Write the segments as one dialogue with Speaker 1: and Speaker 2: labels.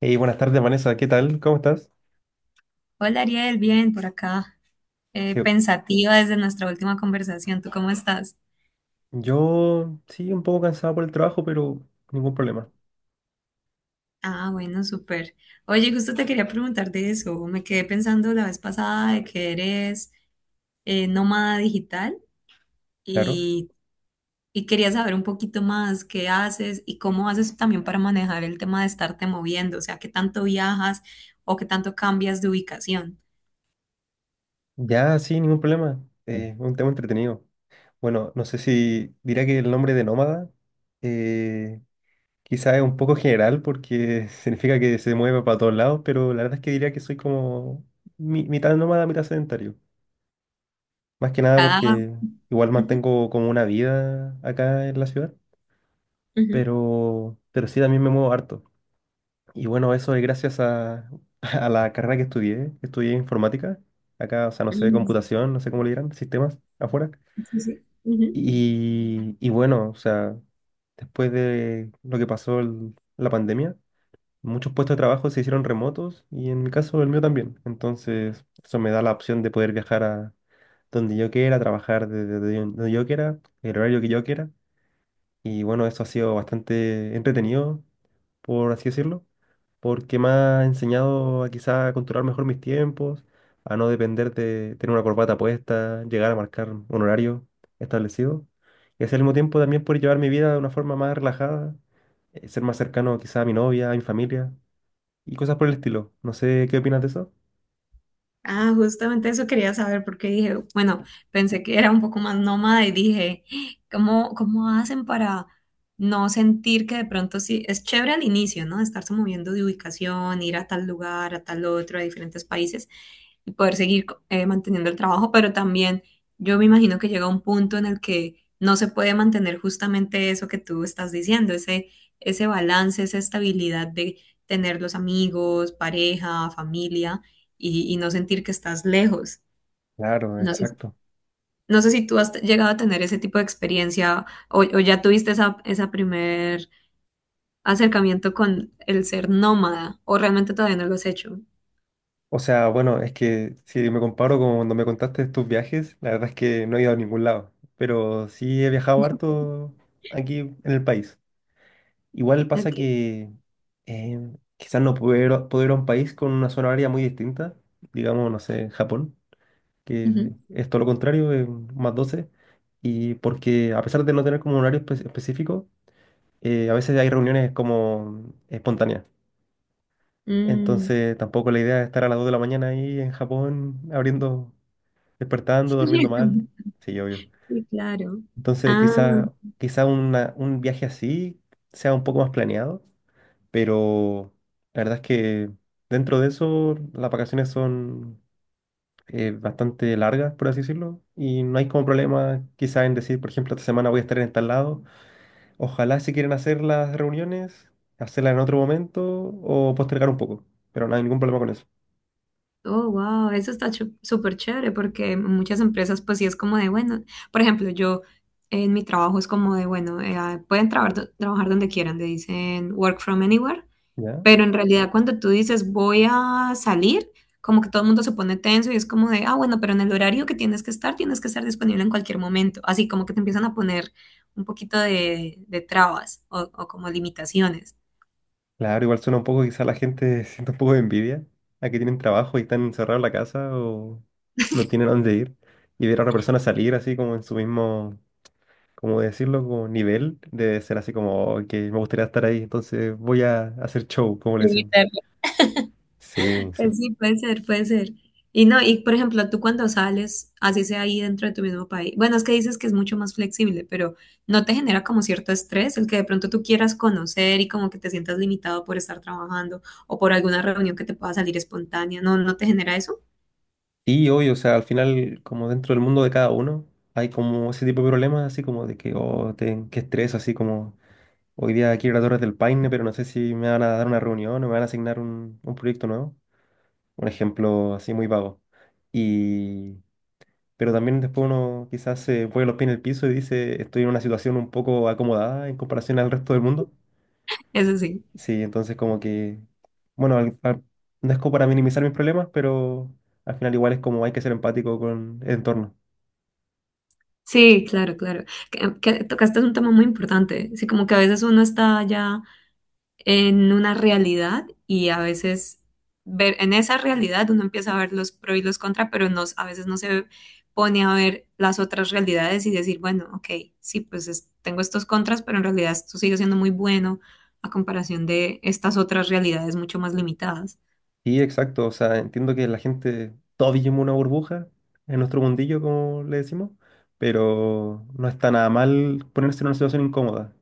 Speaker 1: Hey, buenas tardes, Vanessa. ¿Qué tal? ¿Cómo estás?
Speaker 2: Hola Ariel, bien por acá.
Speaker 1: Yo,
Speaker 2: Pensativa desde nuestra última conversación. ¿Tú cómo estás?
Speaker 1: yo sí, un poco cansado por el trabajo, pero ningún problema.
Speaker 2: Ah, bueno, súper. Oye, justo te quería preguntar de eso. Me quedé pensando la vez pasada de que eres nómada digital
Speaker 1: Claro.
Speaker 2: y, y quería saber un poquito más qué haces y cómo haces también para manejar el tema de estarte moviendo, o sea, qué tanto viajas o qué tanto cambias de ubicación.
Speaker 1: Ya, sí, ningún problema. Un tema entretenido. Bueno, no sé si dirá que el nombre de nómada eh, quizá es un poco general porque significa que se mueve para todos lados, pero la verdad es que diría que soy como mitad nómada, mitad sedentario. Más que nada
Speaker 2: Ah,
Speaker 1: porque igual
Speaker 2: ujú,
Speaker 1: mantengo como una vida acá en la ciudad,
Speaker 2: ujú,
Speaker 1: pero sí, también me muevo harto. Y bueno, eso es gracias a la carrera que estudié informática. Acá, o sea, no sé,
Speaker 2: ujú,
Speaker 1: computación, no sé cómo le dirán, sistemas afuera.
Speaker 2: sí, sí, ujú.
Speaker 1: Y bueno, o sea, después de lo que pasó la pandemia, muchos puestos de trabajo se hicieron remotos y en mi caso el mío también. Entonces, eso me da la opción de poder viajar a donde yo quiera, trabajar desde donde yo quiera, el horario que yo quiera. Y bueno, eso ha sido bastante entretenido, por así decirlo, porque me ha enseñado a quizá a controlar mejor mis tiempos, a no depender de tener una corbata puesta, llegar a marcar un horario establecido. Y así al mismo tiempo también poder llevar mi vida de una forma más relajada, ser más cercano quizá a mi novia, a mi familia y cosas por el estilo. No sé qué opinas de eso.
Speaker 2: Ah, justamente eso quería saber porque dije, bueno, pensé que era un poco más nómada y dije, "Ah, ¿cómo hacen para no sentir que de pronto sí, es chévere al inicio, ¿no? Estarse moviendo de ubicación, ir a tal lugar, a tal otro, a diferentes países, y poder seguir manteniendo el trabajo, pero también yo me imagino que llega un punto en el que no se puede mantener justamente eso que tú estás diciendo, ese balance, esa estabilidad de tener los amigos, pareja, familia y no sentir que estás lejos.
Speaker 1: Claro,
Speaker 2: No sé,
Speaker 1: exacto.
Speaker 2: no sé si tú has llegado a tener ese tipo de experiencia o ya tuviste esa primer acercamiento con el ser nómada o realmente todavía no lo has hecho.
Speaker 1: O sea, bueno, es que si me comparo con cuando me contaste de tus viajes, la verdad es que no he ido a ningún lado, pero sí he viajado harto aquí en el país. Igual pasa
Speaker 2: Ok.
Speaker 1: que eh, quizás no puedo ir, a puedo ir a un país con una zona horaria muy distinta, digamos, no sé, Japón, que
Speaker 2: Ujú.
Speaker 1: es todo lo contrario, es más 12. Y porque a pesar de no tener como un horario específico, a veces hay reuniones como espontáneas.
Speaker 2: Mm.
Speaker 1: Entonces tampoco la idea es estar a las 2 de la mañana ahí en Japón abriendo despertando, durmiendo mal. Sí, obvio.
Speaker 2: Sí, claro.
Speaker 1: Entonces,
Speaker 2: Ah,
Speaker 1: quizá, quizá un viaje así sea un poco más planeado, pero la verdad es que dentro de eso las vacaciones son bastante largas, por así decirlo, y no hay como problema quizá en decir, por ejemplo, esta semana voy a estar en tal lado. Ojalá si quieren hacer las reuniones, hacerlas en otro momento o postergar un poco, pero no hay ningún problema con eso.
Speaker 2: oh, wow, eso está súper chévere porque en muchas empresas pues sí es como de, bueno, por ejemplo, yo en mi trabajo es como de, bueno, pueden trabajar donde quieran, le dicen work from anywhere,
Speaker 1: ¿Ya?
Speaker 2: pero en realidad cuando tú dices voy a salir, como que todo el mundo se pone tenso y es como de, ah, bueno, pero en el horario que tienes que estar disponible en cualquier momento, así como que te empiezan a poner un poquito de trabas o como limitaciones.
Speaker 1: Claro, igual suena un poco, quizá la gente siente un poco de envidia a que tienen trabajo y están encerrados en la casa o no tienen a dónde ir. Y ver a otra persona salir así como en su mismo, cómo decirlo, como nivel, debe ser así como: "Oh, que me gustaría estar ahí, entonces voy a hacer show", como le decían. Sí, sí.
Speaker 2: Pues sí, puede ser, puede ser. Y no, y por ejemplo, tú cuando sales, así sea ahí dentro de tu mismo país, bueno, es que dices que es mucho más flexible, pero ¿no te genera como cierto estrés el que de pronto tú quieras conocer y como que te sientas limitado por estar trabajando o por alguna reunión que te pueda salir espontánea? ¿No, no te genera eso?
Speaker 1: Y hoy, o sea, al final, como dentro del mundo de cada uno, hay como ese tipo de problemas, así como de que, oh, qué estrés, así como, hoy día quiero ir a Torres del Paine, pero no sé si me van a dar una reunión o me van a asignar un proyecto nuevo. Un ejemplo así muy vago. Y, pero también después uno quizás se pone los pies en el piso y dice, estoy en una situación un poco acomodada en comparación al resto del mundo.
Speaker 2: Eso sí.
Speaker 1: Sí, entonces como que, bueno, no es como para minimizar mis problemas, pero al final igual es como hay que ser empático con el entorno.
Speaker 2: Sí, claro, claro. Que tocaste un tema muy importante. Sí, como que a veces uno está ya en una realidad y a veces ver en esa realidad uno empieza a ver los pro y los contra, pero no, a veces no se pone a ver las otras realidades y decir, bueno, ok, sí, pues tengo estos contras, pero en realidad esto sigue siendo muy bueno a comparación de estas otras realidades mucho más limitadas.
Speaker 1: Sí, exacto, o sea, entiendo que la gente, todos vivimos una burbuja en nuestro mundillo, como le decimos, pero no está nada mal ponerse en una situación incómoda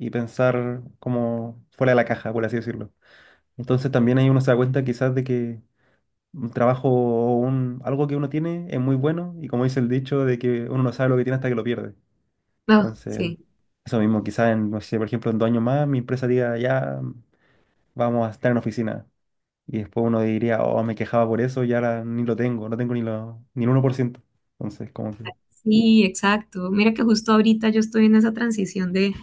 Speaker 1: y pensar como fuera de la caja, por así decirlo. Entonces también ahí uno se da cuenta quizás de que un trabajo o algo que uno tiene es muy bueno y como dice el dicho de que uno no sabe lo que tiene hasta que lo pierde.
Speaker 2: No,
Speaker 1: Entonces,
Speaker 2: sí,
Speaker 1: eso mismo, quizás en, no sé, por ejemplo, en 2 años más mi empresa diga, ya vamos a estar en oficina. Y después uno diría, oh, me quejaba por eso y ahora ni lo tengo, no tengo ni el 1 por ciento. Entonces, como que...
Speaker 2: sí, exacto. Mira que justo ahorita yo estoy en esa transición de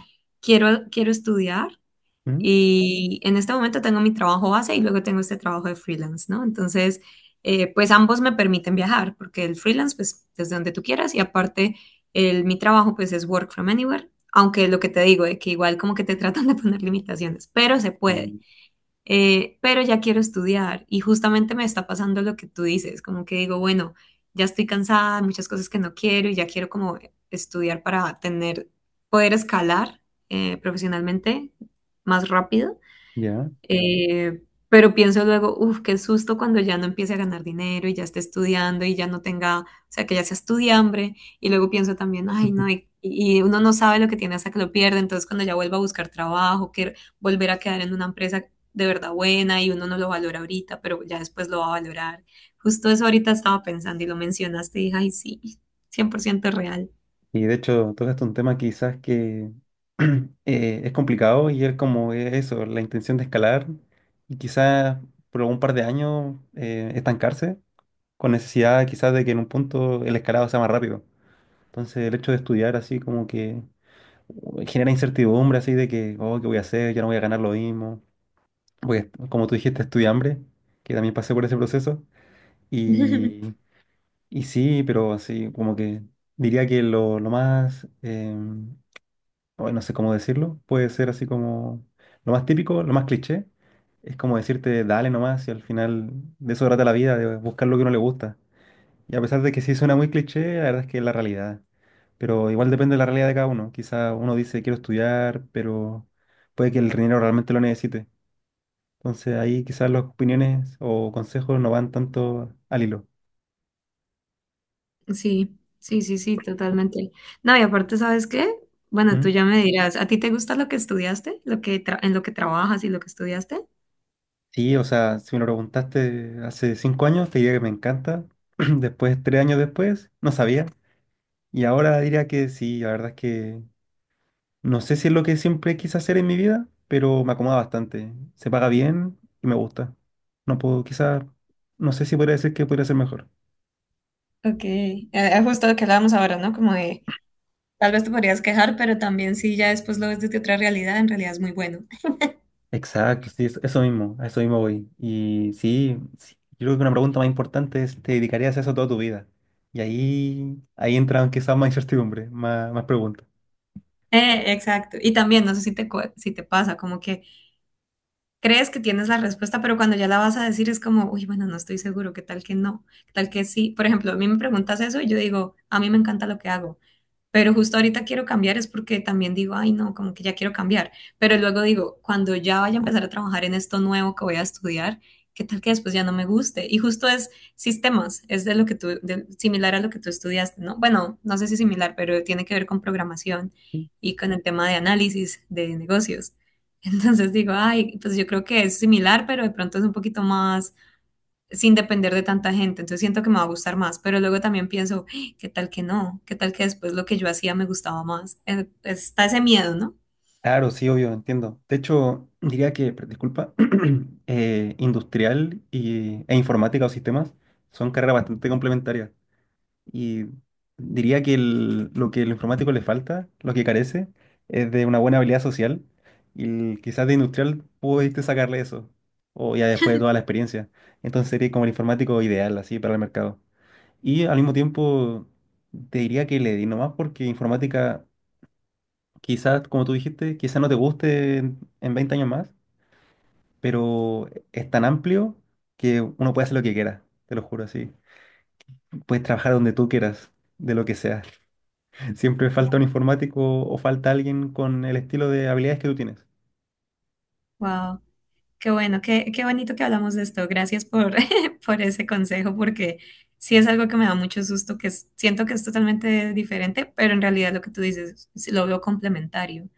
Speaker 2: quiero estudiar
Speaker 1: ¿Mm?
Speaker 2: y en este momento tengo mi trabajo base y luego tengo este trabajo de freelance, ¿no? Entonces, pues ambos me permiten viajar porque el freelance, pues desde donde tú quieras y aparte mi trabajo, pues es work from anywhere, aunque lo que te digo es que igual como que te tratan de poner limitaciones, pero se puede.
Speaker 1: Mm.
Speaker 2: Pero ya quiero estudiar y justamente me está pasando lo que tú dices, como que digo, bueno, ya estoy cansada, hay muchas cosas que no quiero y ya quiero como estudiar para tener, poder escalar profesionalmente más rápido.
Speaker 1: Ya.
Speaker 2: Eh, pero pienso luego, uff, qué susto cuando ya no empiece a ganar dinero y ya esté estudiando y ya no tenga, o sea, que ya sea estudiambre. Y luego pienso también, ay, no, y uno no sabe lo que tiene hasta que lo pierde. Entonces, cuando ya vuelva a buscar trabajo, que volver a quedar en una empresa de verdad buena y uno no lo valora ahorita, pero ya después lo va a valorar. Justo eso ahorita estaba pensando y lo mencionaste y dije, ay, sí, 100% real.
Speaker 1: Y de hecho, tocaste un tema quizás que es complicado y es como eso, la intención de escalar y quizás por un par de años estancarse con necesidad quizás de que en un punto el escalado sea más rápido. Entonces el hecho de estudiar así como que genera incertidumbre así de que, oh, ¿qué voy a hacer? Ya no voy a ganar lo mismo. Voy a como tú dijiste, estudié hambre, que también pasé por ese proceso. Y, y sí, pero así como que diría que lo más... hoy no sé cómo decirlo, puede ser así como lo más típico, lo más cliché, es como decirte dale nomás y al final de eso trata la vida, de buscar lo que uno le gusta. Y a pesar de que sí suena muy cliché, la verdad es que es la realidad. Pero igual depende de la realidad de cada uno. Quizá uno dice quiero estudiar, pero puede que el dinero realmente lo necesite. Entonces ahí quizás las opiniones o consejos no van tanto al hilo.
Speaker 2: Sí, sí, sí, sí, totalmente. No, y aparte, ¿sabes qué? Bueno, tú
Speaker 1: ¿Mm?
Speaker 2: ya me dirás, ¿a ti te gusta lo que estudiaste? ¿Lo que en lo que trabajas y lo que estudiaste?
Speaker 1: Sí, o sea, si me lo preguntaste hace 5 años, te diría que me encanta. Después, 3 años después, no sabía. Y ahora diría que sí, la verdad es que no sé si es lo que siempre quise hacer en mi vida, pero me acomoda bastante. Se paga bien y me gusta. No puedo, quizás, no sé si podría decir que podría ser mejor.
Speaker 2: Ok, justo lo que hablábamos ahora, ¿no? Como de, tal vez te podrías quejar, pero también si ya después lo ves desde otra realidad, en realidad es muy bueno.
Speaker 1: Exacto, sí, eso mismo, a eso mismo voy. Y sí, sí, yo creo que una pregunta más importante es, ¿te dedicarías a eso toda tu vida? Y ahí, ahí entran quizás más incertidumbre, más preguntas.
Speaker 2: Exacto. Y también, no sé si te, si te pasa, como que crees que tienes la respuesta, pero cuando ya la vas a decir es como, uy, bueno, no estoy seguro, qué tal que no, qué tal que sí. Por ejemplo, a mí me preguntas eso y yo digo, a mí me encanta lo que hago. Pero justo ahorita quiero cambiar es porque también digo, ay, no, como que ya quiero cambiar. Pero luego digo, cuando ya vaya a empezar a trabajar en esto nuevo que voy a estudiar, ¿qué tal que después ya no me guste? Y justo es sistemas, es de lo que tú, similar a lo que tú estudiaste, ¿no? Bueno, no sé si similar, pero tiene que ver con programación y con el tema de análisis de negocios. Entonces digo, ay, pues yo creo que es similar, pero de pronto es un poquito más sin depender de tanta gente, entonces siento que me va a gustar más, pero luego también pienso, "Ay, ¿qué tal que no? ¿Qué tal que después lo que yo hacía me gustaba más? Está ese miedo, ¿no?
Speaker 1: Claro, sí, obvio, entiendo. De hecho, diría que, disculpa, industrial e informática o sistemas son carreras bastante complementarias. Y diría que lo que el informático le falta, lo que carece, es de una buena habilidad social. Y quizás de industrial pudiste sacarle eso, o ya después de toda la experiencia. Entonces sería como el informático ideal, así, para el mercado. Y al mismo tiempo, te diría que le di nomás porque informática quizás, como tú dijiste, quizás no te guste en 20 años más, pero es tan amplio que uno puede hacer lo que quiera, te lo juro así. Puedes trabajar donde tú quieras, de lo que sea. Siempre falta un informático o falta alguien con el estilo de habilidades que tú tienes.
Speaker 2: Wow, qué bueno, qué bonito que hablamos de esto. Gracias por, por ese consejo, porque sí es algo que me da mucho susto, que siento que es totalmente diferente, pero en realidad lo que tú dices, sí lo veo complementario.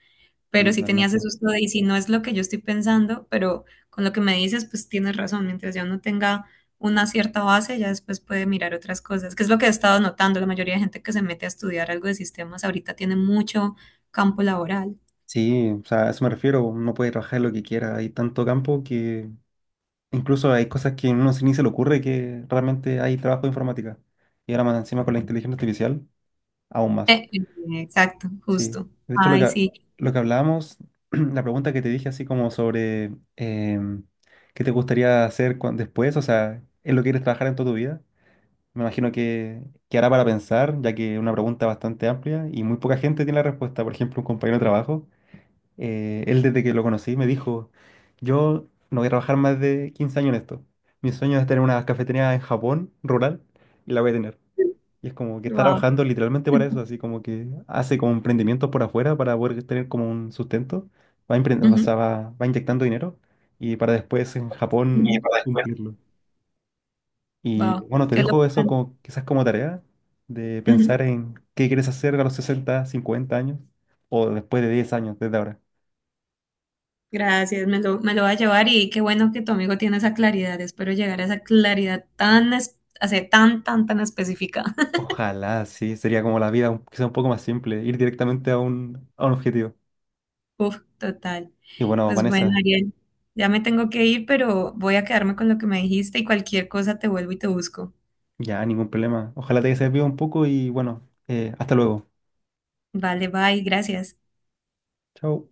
Speaker 1: Sí,
Speaker 2: Pero sí tenías ese
Speaker 1: totalmente.
Speaker 2: susto de, y si no es lo que yo estoy pensando, pero con lo que me dices, pues tienes razón, mientras ya uno tenga una cierta base, ya después puede mirar otras cosas, que es lo que he estado notando, la mayoría de gente que se mete a estudiar algo de sistemas ahorita tiene mucho campo laboral.
Speaker 1: Sí, o sea, a eso me refiero, uno puede trabajar lo que quiera, hay tanto campo que incluso hay cosas que a uno ni se le ocurre que realmente hay trabajo de informática. Y ahora más encima con la inteligencia artificial, aún más.
Speaker 2: Eh, eh, exacto,
Speaker 1: Sí,
Speaker 2: justo.
Speaker 1: de hecho
Speaker 2: Ay, sí.
Speaker 1: lo que hablábamos, la pregunta que te dije así como sobre qué te gustaría hacer después, o sea, ¿es lo que quieres trabajar en toda tu vida? Me imagino que hará para pensar, ya que es una pregunta bastante amplia y muy poca gente tiene la respuesta. Por ejemplo, un compañero de trabajo, él desde que lo conocí me dijo, yo no voy a trabajar más de 15 años en esto. Mi sueño es tener una cafetería en Japón, rural, y la voy a tener. Y es como que está
Speaker 2: Wow.
Speaker 1: trabajando literalmente para eso, así como que hace como emprendimientos por afuera para poder tener como un sustento, va, empre- o sea, va, va inyectando dinero y para después en
Speaker 2: Y
Speaker 1: Japón
Speaker 2: para después.
Speaker 1: cumplirlo. Y
Speaker 2: Wow,
Speaker 1: bueno, te
Speaker 2: qué
Speaker 1: dejo
Speaker 2: locura.
Speaker 1: eso como, quizás como tarea de
Speaker 2: Ujú.
Speaker 1: pensar en qué quieres hacer a los 60, 50 años o después de 10 años, desde ahora.
Speaker 2: Gracias, me lo va a llevar y qué bueno que tu amigo tiene esa claridad. Espero llegar a esa claridad tan, o sea, tan específica.
Speaker 1: Ojalá, sí, sería como la vida quizá un poco más simple, ir directamente a a un objetivo.
Speaker 2: Uf, total.
Speaker 1: Y bueno,
Speaker 2: Pues bueno,
Speaker 1: Vanessa,
Speaker 2: Ariel, ya me tengo que ir, pero voy a quedarme con lo que me dijiste y cualquier cosa te vuelvo y te busco.
Speaker 1: ya ningún problema. Ojalá te haya servido un poco y bueno, hasta luego.
Speaker 2: Vale, bye, gracias.
Speaker 1: Chao.